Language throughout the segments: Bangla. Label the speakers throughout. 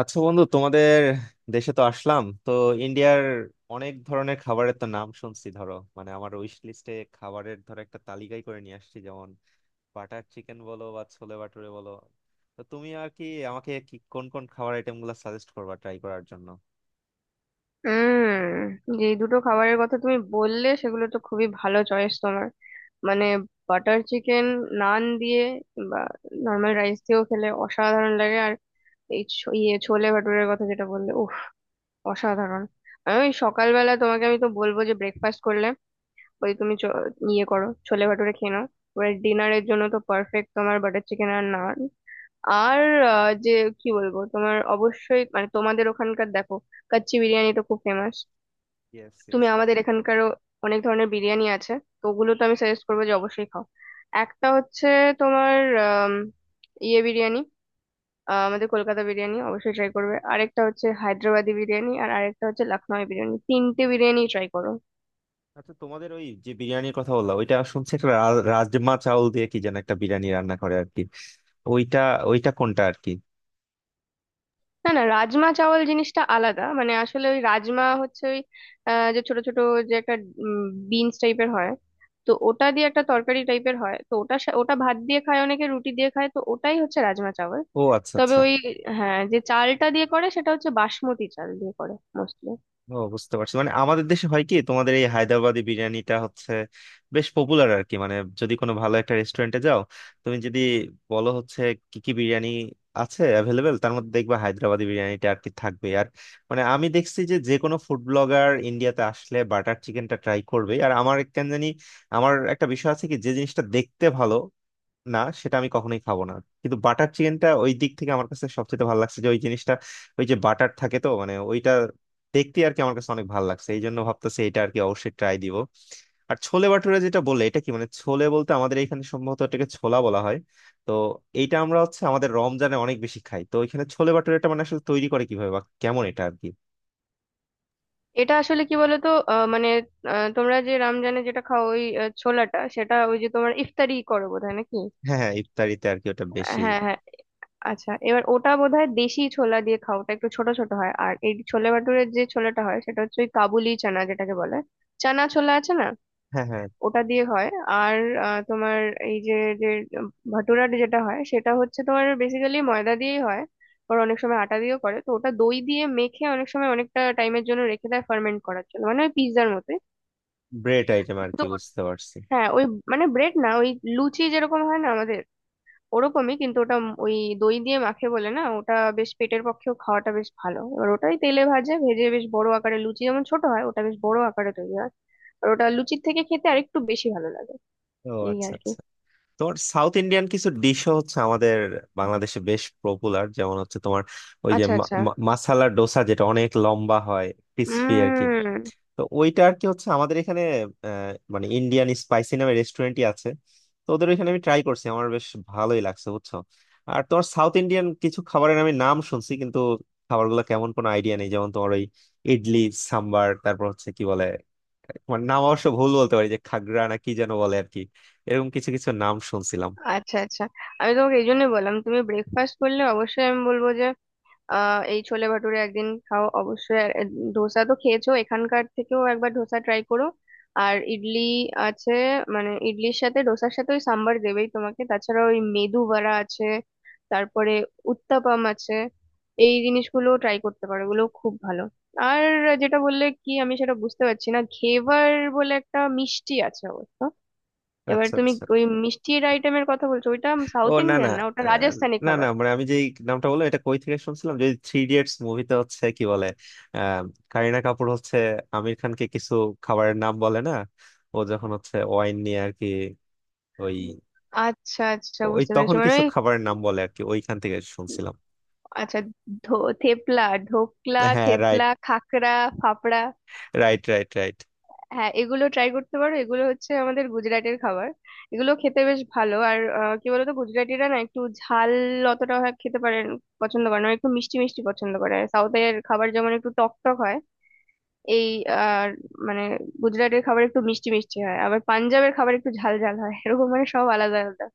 Speaker 1: আচ্ছা বন্ধু, তোমাদের দেশে তো আসলাম। তো ইন্ডিয়ার অনেক ধরনের খাবারের তো নাম শুনছি। ধরো, মানে আমার উইশ লিস্টে খাবারের ধরো একটা তালিকাই করে নিয়ে আসছি, যেমন বাটার চিকেন বলো বা ছোলে ভাটুরে বলো। তো তুমি আর কি আমাকে কি কোন কোন খাবার আইটেম গুলো সাজেস্ট করবা ট্রাই করার জন্য?
Speaker 2: হুম যে দুটো খাবারের কথা তুমি বললে সেগুলো তো খুবই ভালো চয়েস তোমার। মানে বাটার চিকেন নান দিয়ে বা নর্মাল রাইস দিয়েও খেলে অসাধারণ লাগে। আর এই ছ- ইয়ে ছোলে ভাটুরের কথা যেটা বললে, উফ অসাধারণ! আমি ওই সকালবেলা তোমাকে তো বলবো যে ব্রেকফাস্ট করলে ওই তুমি চ- ইয়ে করো, ছোলে ভাটুরে খেয়ে নাও। এবার ডিনারের জন্য তো পারফেক্ট তোমার বাটার চিকেন আর নান। আর যে কি বলবো তোমার, অবশ্যই মানে তোমাদের ওখানকার দেখো কাচ্চি বিরিয়ানি তো খুব ফেমাস।
Speaker 1: ইয়েস,
Speaker 2: তুমি
Speaker 1: ইয়েস।
Speaker 2: আমাদের এখানকারও অনেক ধরনের বিরিয়ানি আছে, তো ওগুলো তো আমি সাজেস্ট করবো যে অবশ্যই খাও। একটা হচ্ছে তোমার আম, ইয়ে বিরিয়ানি, আমাদের কলকাতা বিরিয়ানি অবশ্যই ট্রাই করবে। আরেকটা হচ্ছে হায়দ্রাবাদি বিরিয়ানি, আর আরেকটা হচ্ছে লখনৌ বিরিয়ানি। তিনটে বিরিয়ানি ট্রাই করো।
Speaker 1: আচ্ছা তোমাদের ওই যে বিরিয়ানির কথা বললাম, ওইটা শুনছি একটা রাজমা চাউল দিয়ে কি যেন একটা বিরিয়ানি রান্না করে আর কি। ওইটা ওইটা কোনটা আর কি?
Speaker 2: না না, রাজমা চাওয়াল জিনিসটা আলাদা। মানে আসলে ওই রাজমা হচ্ছে ওই যে ছোট ছোট যে একটা বিনস টাইপের হয়, তো ওটা দিয়ে একটা তরকারি টাইপের হয়। তো ওটা ওটা ভাত দিয়ে খায়, অনেকে রুটি দিয়ে খায়। তো ওটাই হচ্ছে রাজমা চাওয়াল।
Speaker 1: ও আচ্ছা
Speaker 2: তবে
Speaker 1: আচ্ছা।
Speaker 2: ওই হ্যাঁ, যে চালটা দিয়ে করে সেটা হচ্ছে বাসমতি চাল দিয়ে করে মোস্টলি।
Speaker 1: ও বুঝতে পারছি, মানে আমাদের দেশে হয় কি তোমাদের এই হায়দ্রাবাদি বিরিয়ানিটা হচ্ছে বেশ পপুলার আর কি। মানে যদি কোনো ভালো একটা রেস্টুরেন্টে যাও, তুমি যদি বলো হচ্ছে কি কি বিরিয়ানি আছে অ্যাভেলেবেল, তার মধ্যে দেখবা হায়দ্রাবাদি বিরিয়ানিটা আর কি থাকবে। আর মানে আমি দেখছি যে যে কোনো ফুড ব্লগার ইন্ডিয়াতে আসলে বাটার চিকেনটা ট্রাই করবে। আর আমার কেন জানি আমার একটা বিষয় আছে কি, যে জিনিসটা দেখতে ভালো না সেটা আমি কখনোই খাবো না, কিন্তু বাটার চিকেনটা ওই দিক থেকে আমার কাছে সবচেয়ে ভালো লাগছে, যে ওই জিনিসটা ওই যে বাটার থাকে তো, মানে ওইটা দেখতে আর কি আমার কাছে অনেক ভালো লাগছে। এই জন্য ভাবতেছি এটা আর কি অবশ্যই ট্রাই দিব। আর ছোলে ভাটুরে যেটা বলে এটা কি, মানে ছোলে বলতে আমাদের এখানে সম্ভবত এটাকে ছোলা বলা হয়। তো এইটা আমরা হচ্ছে আমাদের রমজানে অনেক বেশি খাই। তো এখানে ছোলে ভাটুরেটা মানে আসলে তৈরি করে কিভাবে বা কেমন এটা আর কি?
Speaker 2: এটা আসলে কি বলতো, মানে তোমরা যে রমজানে যেটা খাও ওই ছোলাটা, সেটা ওই যে তোমার ইফতারি করো বোধহয় নাকি?
Speaker 1: হ্যাঁ হ্যাঁ, ইফতারিতে আর কি ওটা বেশি।
Speaker 2: হ্যাঁ হ্যাঁ, আচ্ছা এবার ওটা বোধহয় দেশি ছোলা দিয়ে খাও। ওটা একটু ছোট ছোট হয়। আর এই ছোলে ভাটুরের যে ছোলাটা হয় সেটা হচ্ছে ওই কাবুলি চানা যেটাকে বলে, চানা ছোলা আছে না,
Speaker 1: হ্যাঁ হ্যাঁ।
Speaker 2: ওটা দিয়ে হয়। আর তোমার এই যে যে ভাটুরা যেটা হয় সেটা হচ্ছে তোমার বেসিক্যালি ময়দা দিয়েই হয়, আর অনেক সময় আটা দিয়েও করে। তো ওটা দই দিয়ে মেখে অনেক সময় অনেকটা টাইমের জন্য রেখে দেয় ফার্মেন্ট করার জন্য, মানে ওই পিৎজার মতো।
Speaker 1: ব্রেড আইটেম আর
Speaker 2: তো
Speaker 1: কি, বুঝতে পারছি।
Speaker 2: হ্যাঁ ওই, মানে ব্রেড না, ওই লুচি যেরকম হয় না আমাদের, ওরকমই। কিন্তু ওটা ওই দই দিয়ে মাখে বলে না, ওটা বেশ পেটের পক্ষেও খাওয়াটা বেশ ভালো। এবার ওটাই তেলে ভেজে বেশ বড় আকারে, লুচি যেমন ছোট হয়, ওটা বেশ বড় আকারে তৈরি হয়। আর ওটা লুচির থেকে খেতে আরেকটু বেশি ভালো লাগে।
Speaker 1: ও
Speaker 2: এই
Speaker 1: আচ্ছা
Speaker 2: আর কি।
Speaker 1: আচ্ছা। তোমার সাউথ ইন্ডিয়ান কিছু ডিশও হচ্ছে আমাদের বাংলাদেশে বেশ পপুলার, যেমন হচ্ছে তোমার ওই যে
Speaker 2: আচ্ছা
Speaker 1: মা-
Speaker 2: আচ্ছা।
Speaker 1: মা- মাসালা ডোসা, যেটা অনেক লম্বা হয়, ক্রিস্পি আর কি।
Speaker 2: উম
Speaker 1: তো ওইটা আর কি হচ্ছে আমাদের এখানে মানে ইন্ডিয়ান স্পাইসি নামে রেস্টুরেন্টই আছে। তো ওদের ওইখানে আমি ট্রাই করছি, আমার বেশ ভালোই লাগছে, বুঝছো। আর তোমার সাউথ ইন্ডিয়ান কিছু খাবারের আমি নাম শুনছি, কিন্তু খাবারগুলো কেমন কোনো আইডিয়া নেই, যেমন তোমার ওই ইডলি, সাম্বার, তারপর হচ্ছে কি বলে, মানে নাম অবশ্য ভুল বলতে পারি, যে খাগড়া না কি যেন বলে আর কি। এরকম কিছু কিছু নাম শুনছিলাম।
Speaker 2: আচ্ছা আচ্ছা, আমি তোমাকে এই জন্যই বললাম, তুমি ব্রেকফাস্ট করলে অবশ্যই আমি বলবো যে এই ছোলে ভাটুরে একদিন খাও অবশ্যই। ধোসা তো খেয়েছো, এখানকার থেকেও একবার ধোসা ট্রাই করো। আর ইডলি আছে, মানে ইডলির সাথে, ডোসার সাথে ওই সাম্বার দেবেই তোমাকে। তাছাড়া ওই মেদু বড়া আছে, তারপরে উত্তাপাম আছে। এই জিনিসগুলো ট্রাই করতে পারো, এগুলো খুব ভালো। আর যেটা বললে কি আমি সেটা বুঝতে পারছি না, ঘেভার বলে একটা মিষ্টি আছে অবশ্য। এবার
Speaker 1: আচ্ছা
Speaker 2: তুমি
Speaker 1: আচ্ছা।
Speaker 2: ওই মিষ্টির আইটেমের কথা বলছো, ওইটা
Speaker 1: ও
Speaker 2: সাউথ
Speaker 1: না না।
Speaker 2: ইন্ডিয়ান না, ওটা
Speaker 1: আহ,
Speaker 2: রাজস্থানি
Speaker 1: না না,
Speaker 2: খাবার।
Speaker 1: মানে আমি যে নামটা বললাম এটা কই থেকে শুনছিলাম যদি থ্রি ইডিয়টস মুভিতে, হচ্ছে কি বলে, আহ, কারিনা কাপুর হচ্ছে আমির খানকে কিছু খাবারের নাম বলে না, ও যখন হচ্ছে ওয়াইন নিয়ে আর কি, ওই
Speaker 2: আচ্ছা আচ্ছা
Speaker 1: ওই
Speaker 2: বুঝতে পেরেছি,
Speaker 1: তখন
Speaker 2: মানে
Speaker 1: কিছু
Speaker 2: ওই
Speaker 1: খাবারের নাম বলে আর কি, ওইখান থেকে শুনছিলাম।
Speaker 2: আচ্ছা ধো থেপলা, ঢোকলা,
Speaker 1: হ্যাঁ, right.
Speaker 2: Thepla, khakhra, fafda.
Speaker 1: Right, right, right.
Speaker 2: হ্যাঁ এগুলো ট্রাই করতে পারো, এগুলো হচ্ছে আমাদের গুজরাটের খাবার। এগুলো খেতে বেশ ভালো। আর কি বলতো গুজরাটিরা না একটু ঝাল খেতে পারে, পছন্দ করে না। ওরা একটু মিষ্টি মিষ্টি পছন্দ করে। সাউথের খাবার যেমন একটু টক টক হয়। এই আর মানে গুজরাটের খাবার একটু মিষ্টি মিষ্টি হয়, আবার পাঞ্জাবের খাবার একটু ঝাল ঝাল হয়, এরকম মানে সব আলাদা আলাদা।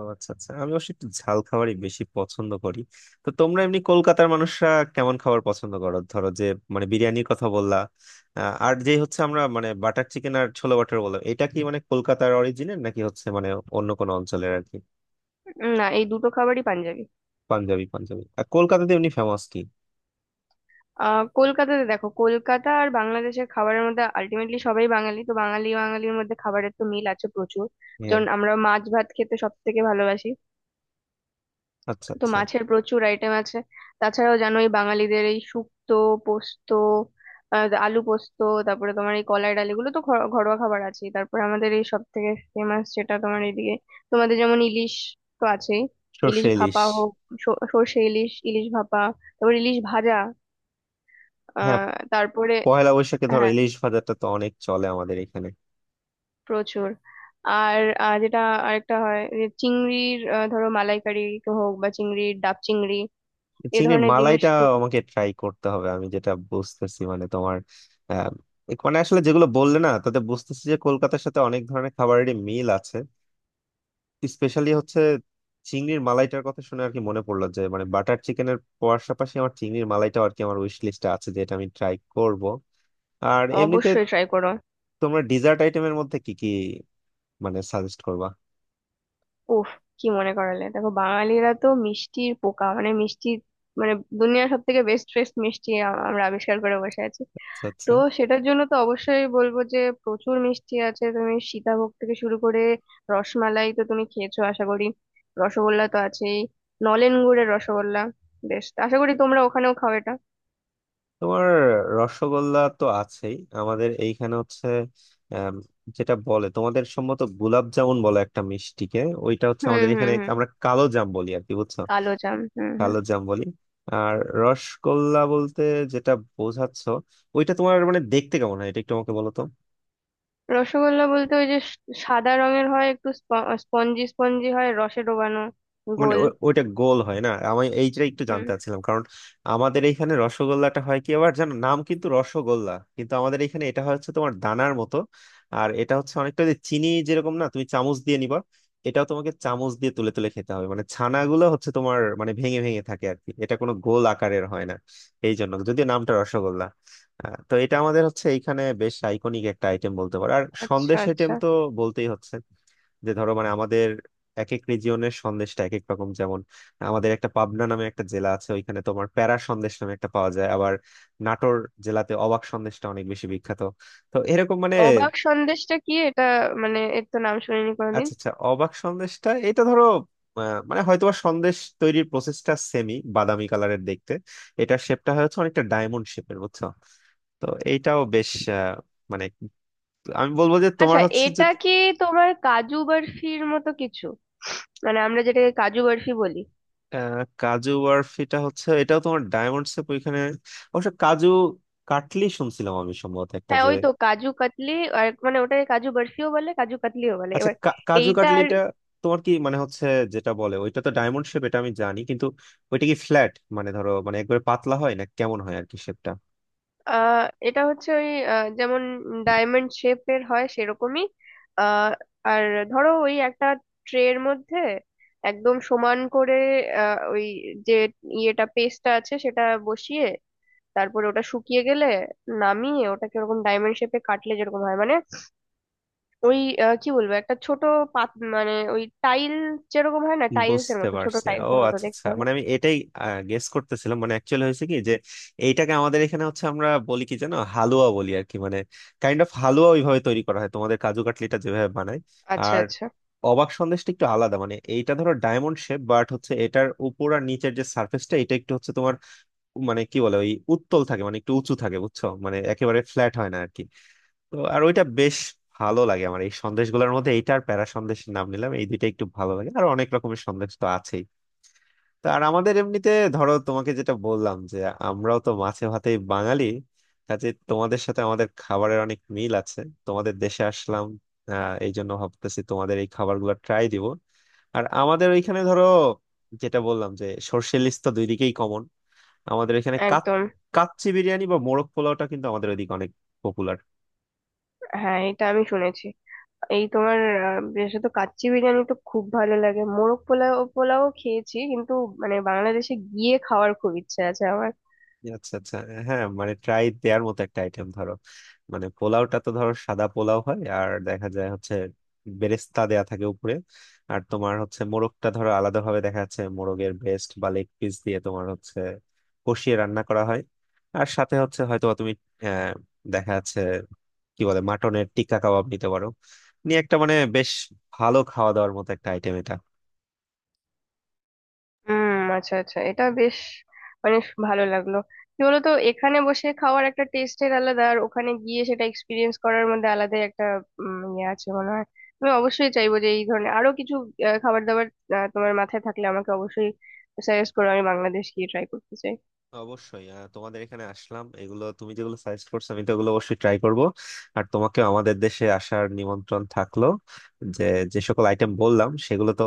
Speaker 1: ও আচ্ছা আচ্ছা, আমি অবশ্যই একটু ঝাল খাবারই বেশি পছন্দ করি। তো তোমরা এমনি কলকাতার মানুষরা কেমন খাবার পছন্দ করো, ধরো যে, মানে বিরিয়ানির কথা বললা, আর যে হচ্ছে আমরা মানে বাটার চিকেন আর ছোলা বাটার বললাম, এটা কি মানে কলকাতার অরিজিনের নাকি, হচ্ছে মানে অন্য কোনো অঞ্চলের আর কি?
Speaker 2: না, এই দুটো খাবারই পাঞ্জাবি।
Speaker 1: পাঞ্জাবি, পাঞ্জাবি। আর কলকাতাতে এমনি ফেমাস কি?
Speaker 2: কলকাতাতে দেখো, কলকাতা আর বাংলাদেশের খাবারের মধ্যে আলটিমেটলি সবাই বাঙালি, তো বাঙালি বাঙালির মধ্যে খাবারের তো মিল আছে প্রচুর।
Speaker 1: হ্যাঁ।
Speaker 2: যেমন আমরা মাছ ভাত খেতে সব থেকে ভালোবাসি,
Speaker 1: আচ্ছা
Speaker 2: তো
Speaker 1: আচ্ছা।
Speaker 2: মাছের প্রচুর আইটেম আছে। তাছাড়াও জানোই বাঙালিদের এই শুক্তো, পোস্ত, আলু পোস্ত, তারপরে তোমার এই কলাই ডাল, এগুলো তো ঘরোয়া খাবার আছে। তারপরে আমাদের এই সব থেকে ফেমাস যেটা, তোমার এইদিকে তোমাদের যেমন ইলিশ তো আছেই। ইলিশ
Speaker 1: সর্ষে ইলিশ।
Speaker 2: ভাপা হোক, সর্ষে ইলিশ, ইলিশ ভাপা, তারপর ইলিশ ভাজা,
Speaker 1: হ্যাঁ,
Speaker 2: তারপরে
Speaker 1: পয়লা বৈশাখে ধরো
Speaker 2: হ্যাঁ
Speaker 1: ইলিশ ভাজাটা তো অনেক চলে আমাদের এখানে।
Speaker 2: প্রচুর। আর যেটা আরেকটা হয় যে চিংড়ির ধরো মালাইকারি হোক, বা চিংড়ির ডাব চিংড়ি, এ
Speaker 1: চিংড়ির
Speaker 2: ধরনের জিনিস
Speaker 1: মালাইটা
Speaker 2: খুব।
Speaker 1: আমাকে ট্রাই করতে হবে। আমি যেটা বুঝতেছি, মানে তোমার আহ, মানে আসলে যেগুলো বললে না, তাতে বুঝতেছি যে কলকাতার সাথে অনেক ধরনের খাবারেরই মিল আছে। স্পেশালি হচ্ছে চিংড়ির মালাইটার কথা শুনে আর কি মনে পড়লো যে, মানে বাটার চিকেনের পাশাপাশি আমার চিংড়ির মালাইটাও আর কি আমার উইশ লিস্টে আছে, যে এটা আমি ট্রাই করব। আর এমনিতে
Speaker 2: অবশ্যই ট্রাই করো।
Speaker 1: তোমরা ডিজার্ট আইটেমের মধ্যে কি কি মানে সাজেস্ট করবা?
Speaker 2: উফ, কি মনে করালে! দেখো বাঙালিরা তো মিষ্টির পোকা, মানে মিষ্টি, মানে দুনিয়ার সব থেকে বেস্ট বেস্ট মিষ্টি আমরা আবিষ্কার করে বসে আছি।
Speaker 1: আচ্ছা
Speaker 2: তো
Speaker 1: আচ্ছা।
Speaker 2: সেটার জন্য তো অবশ্যই বলবো যে প্রচুর মিষ্টি আছে, তুমি সীতাভোগ থেকে শুরু করে রসমালাই তো তুমি খেয়েছো আশা করি, রসগোল্লা তো আছেই, নলেন গুড়ের রসগোল্লা বেশ, আশা করি তোমরা ওখানেও খাও এটা।
Speaker 1: তোমার রসগোল্লা তো আছেই। আমাদের এইখানে হচ্ছে আম, যেটা বলে তোমাদের সম্ভবত গোলাপ জামুন বলে একটা মিষ্টিকে, ওইটা হচ্ছে
Speaker 2: হুম
Speaker 1: আমাদের এখানে
Speaker 2: হুম
Speaker 1: আমরা
Speaker 2: হুম,
Speaker 1: কালো জাম বলি আর কি, বুঝছো।
Speaker 2: কালো জাম, হুম হুম।
Speaker 1: কালো জাম বলি। আর রসগোল্লা বলতে যেটা বোঝাচ্ছ, ওইটা তোমার মানে দেখতে কেমন হয় এটা একটু আমাকে বলো তো।
Speaker 2: রসগোল্লা বলতে ওই যে সাদা রঙের হয় একটু, স্পঞ্জি স্পঞ্জি হয়, রসে ডোবানো,
Speaker 1: মানে
Speaker 2: গোল।
Speaker 1: ওইটা গোল হয় না, আমি এইটা একটু
Speaker 2: হুম।
Speaker 1: জানতে চাচ্ছিলাম, কারণ আমাদের এইখানে রসগোল্লাটা হয় কি, আবার জানো নাম কিন্তু রসগোল্লা, কিন্তু আমাদের এইখানে এটা হয় হচ্ছে তোমার দানার মতো। আর এটা হচ্ছে অনেকটা যে চিনি যেরকম না তুমি চামচ দিয়ে নিবা, এটাও তোমাকে চামচ দিয়ে তুলে তুলে খেতে হবে, মানে ছানাগুলো হচ্ছে তোমার মানে ভেঙে ভেঙে থাকে আর কি, এটা কোনো গোল আকারের হয় না। এই জন্য যদিও নামটা রসগোল্লা, তো এটা আমাদের হচ্ছে এইখানে বেশ আইকনিক একটা আইটেম বলতে পারো। আর
Speaker 2: আচ্ছা
Speaker 1: সন্দেশ আইটেম
Speaker 2: আচ্ছা,
Speaker 1: তো বলতেই হচ্ছে, যে ধরো মানে আমাদের এক এক রিজিয়নের সন্দেশটা এক এক রকম, যেমন আমাদের একটা পাবনা নামে একটা জেলা আছে, ওইখানে তোমার প্যারা সন্দেশ নামে একটা পাওয়া যায়। আবার নাটোর জেলাতে অবাক সন্দেশটা অনেক বেশি বিখ্যাত। তো এরকম মানে।
Speaker 2: অবাক সন্দেশটা কি এটা? মানে এর তো নাম শুনিনি কোনোদিন।
Speaker 1: আচ্ছা আচ্ছা, অবাক সন্দেশটা এটা ধরো মানে হয়তো সন্দেশ তৈরির প্রসেসটা সেমি বাদামি কালারের দেখতে, এটার শেপটা হচ্ছে অনেকটা ডায়মন্ড শেপের, বুঝছো। তো এইটাও বেশ আহ, মানে আমি বলবো যে তোমার
Speaker 2: আচ্ছা,
Speaker 1: হচ্ছে যে
Speaker 2: এটা কি তোমার কাজু বরফির মতো কিছু? মানে আমরা যেটাকে কাজু বরফি বলি।
Speaker 1: কাজু বরফিটা হচ্ছে এটাও তোমার ডায়মন্ড শেপ ওইখানে। অবশ্য কাজু কাটলি শুনছিলাম আমি সম্ভবত একটা
Speaker 2: হ্যাঁ
Speaker 1: যে।
Speaker 2: ওই তো কাজু কাতলি, আর মানে ওটাকে কাজু বরফিও বলে, কাজু কাতলিও বলে।
Speaker 1: আচ্ছা
Speaker 2: এবার
Speaker 1: কাজু
Speaker 2: এইটা আর
Speaker 1: কাটলিটা তোমার কি মানে হচ্ছে যেটা বলে, ওইটা তো ডায়মন্ড শেপ এটা আমি জানি, কিন্তু ওইটা কি ফ্ল্যাট মানে ধরো মানে একবারে পাতলা হয়, না কেমন হয় আর কি শেপটা?
Speaker 2: এটা হচ্ছে ওই যেমন ডায়মন্ড শেপের হয় সেরকমই। আহ, আর ধরো ওই একটা ট্রের মধ্যে একদম সমান করে ওই যে পেস্টটা আছে সেটা বসিয়ে, তারপরে ওটা শুকিয়ে গেলে নামিয়ে ওটাকে ওরকম ডায়মন্ড শেপে কাটলে যেরকম হয়, মানে ওই কি বলবো, একটা ছোট পাত, মানে ওই টাইল যেরকম হয় না, টাইলস এর
Speaker 1: বুঝতে
Speaker 2: মতো, ছোট
Speaker 1: পারছি,
Speaker 2: টাইলস
Speaker 1: ও
Speaker 2: এর মতো
Speaker 1: আচ্ছা
Speaker 2: দেখতে
Speaker 1: আচ্ছা,
Speaker 2: হবে।
Speaker 1: মানে আমি এটাই গেস করতেছিলাম। মানে অ্যাকচুয়ালি হয়েছে কি যে এইটাকে আমাদের এখানে হচ্ছে আমরা বলি কি জানো হালুয়া বলি আর কি, মানে কাইন্ড অফ হালুয়া ওইভাবে তৈরি করা হয় তোমাদের কাজু কাটলিটা যেভাবে বানায়।
Speaker 2: আচ্ছা
Speaker 1: আর
Speaker 2: আচ্ছা।
Speaker 1: অবাক সন্দেশটা একটু আলাদা, মানে এইটা ধরো ডায়মন্ড শেপ বাট হচ্ছে এটার উপর আর নিচের যে সার্ফেসটা এটা একটু হচ্ছে তোমার, মানে কি বলে ওই উত্তল থাকে, মানে একটু উঁচু থাকে, বুঝছো, মানে একেবারে ফ্ল্যাট হয় না আর কি। তো আর ওইটা বেশ ভালো লাগে আমার। এই সন্দেশগুলোর মধ্যে এইটার প্যারা সন্দেশের নাম নিলাম, এই দুইটা একটু ভালো লাগে, আর অনেক রকমের সন্দেশ তো আছেই। তো আর আমাদের এমনিতে ধরো তোমাকে যেটা বললাম যে আমরাও তো মাছে ভাতেই বাঙালি, কাজে তোমাদের সাথে আমাদের খাবারের অনেক মিল আছে। তোমাদের দেশে আসলাম, আহ, এই জন্য ভাবতেছি তোমাদের এই খাবারগুলো ট্রাই দিব। আর আমাদের ওইখানে ধরো যেটা বললাম যে সর্ষে ইলিশ তো দুই দিকেই কমন। আমাদের এখানে
Speaker 2: একদম।
Speaker 1: কাচ্চি বিরিয়ানি বা মোরগ পোলাওটা কিন্তু আমাদের ওইদিকে অনেক পপুলার।
Speaker 2: হ্যাঁ এটা আমি শুনেছি। এই তোমার বিশেষত কাচ্চি বিরিয়ানি তো খুব ভালো লাগে, মোরগ পোলাও পোলাও খেয়েছি কিন্তু মানে বাংলাদেশে গিয়ে খাওয়ার খুব ইচ্ছে আছে আমার।
Speaker 1: আচ্ছা আচ্ছা। হ্যাঁ, মানে ট্রাই দেওয়ার মতো একটা আইটেম ধরো, মানে পোলাওটা তো ধরো সাদা পোলাও হয় আর দেখা যায় হচ্ছে বেরেস্তা দেয়া থাকে উপরে। আর তোমার হচ্ছে মোরগটা ধরো আলাদা ভাবে দেখা যাচ্ছে মোরগের ব্রেস্ট বা লেগ পিস দিয়ে তোমার হচ্ছে কষিয়ে রান্না করা হয়। আর সাথে হচ্ছে হয়তো তুমি আহ, দেখা যাচ্ছে কি বলে মাটনের টিক্কা কাবাব নিতে পারো নিয়ে একটা, মানে বেশ ভালো খাওয়া দাওয়ার মতো একটা আইটেম এটা।
Speaker 2: আচ্ছা আচ্ছা, এটা বেশ মানে ভালো লাগলো। কি বলতো, এখানে বসে খাওয়ার একটা টেস্টের আলাদা, আর ওখানে গিয়ে সেটা এক্সপিরিয়েন্স করার মধ্যে আলাদাই একটা ইয়ে আছে মনে হয়। আমি অবশ্যই চাইবো যে এই ধরনের আরো কিছু খাবার দাবার তোমার মাথায় থাকলে আমাকে অবশ্যই সাজেস্ট করো, আমি বাংলাদেশ গিয়ে ট্রাই করতে চাই।
Speaker 1: অবশ্যই, তোমাদের এখানে আসলাম, এগুলো তুমি যেগুলো সাজেস্ট করছো, আমি তো এগুলো অবশ্যই ট্রাই করব। আর তোমাকে আমাদের দেশে আসার নিমন্ত্রণ থাকলো, যে যে সকল আইটেম বললাম সেগুলো তো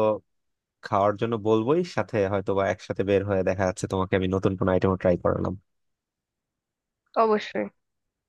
Speaker 1: খাওয়ার জন্য বলবোই, সাথে হয়তো বা একসাথে বের হয়ে দেখা যাচ্ছে তোমাকে আমি নতুন কোনো আইটেমও ট্রাই করালাম।
Speaker 2: অবশ্যই।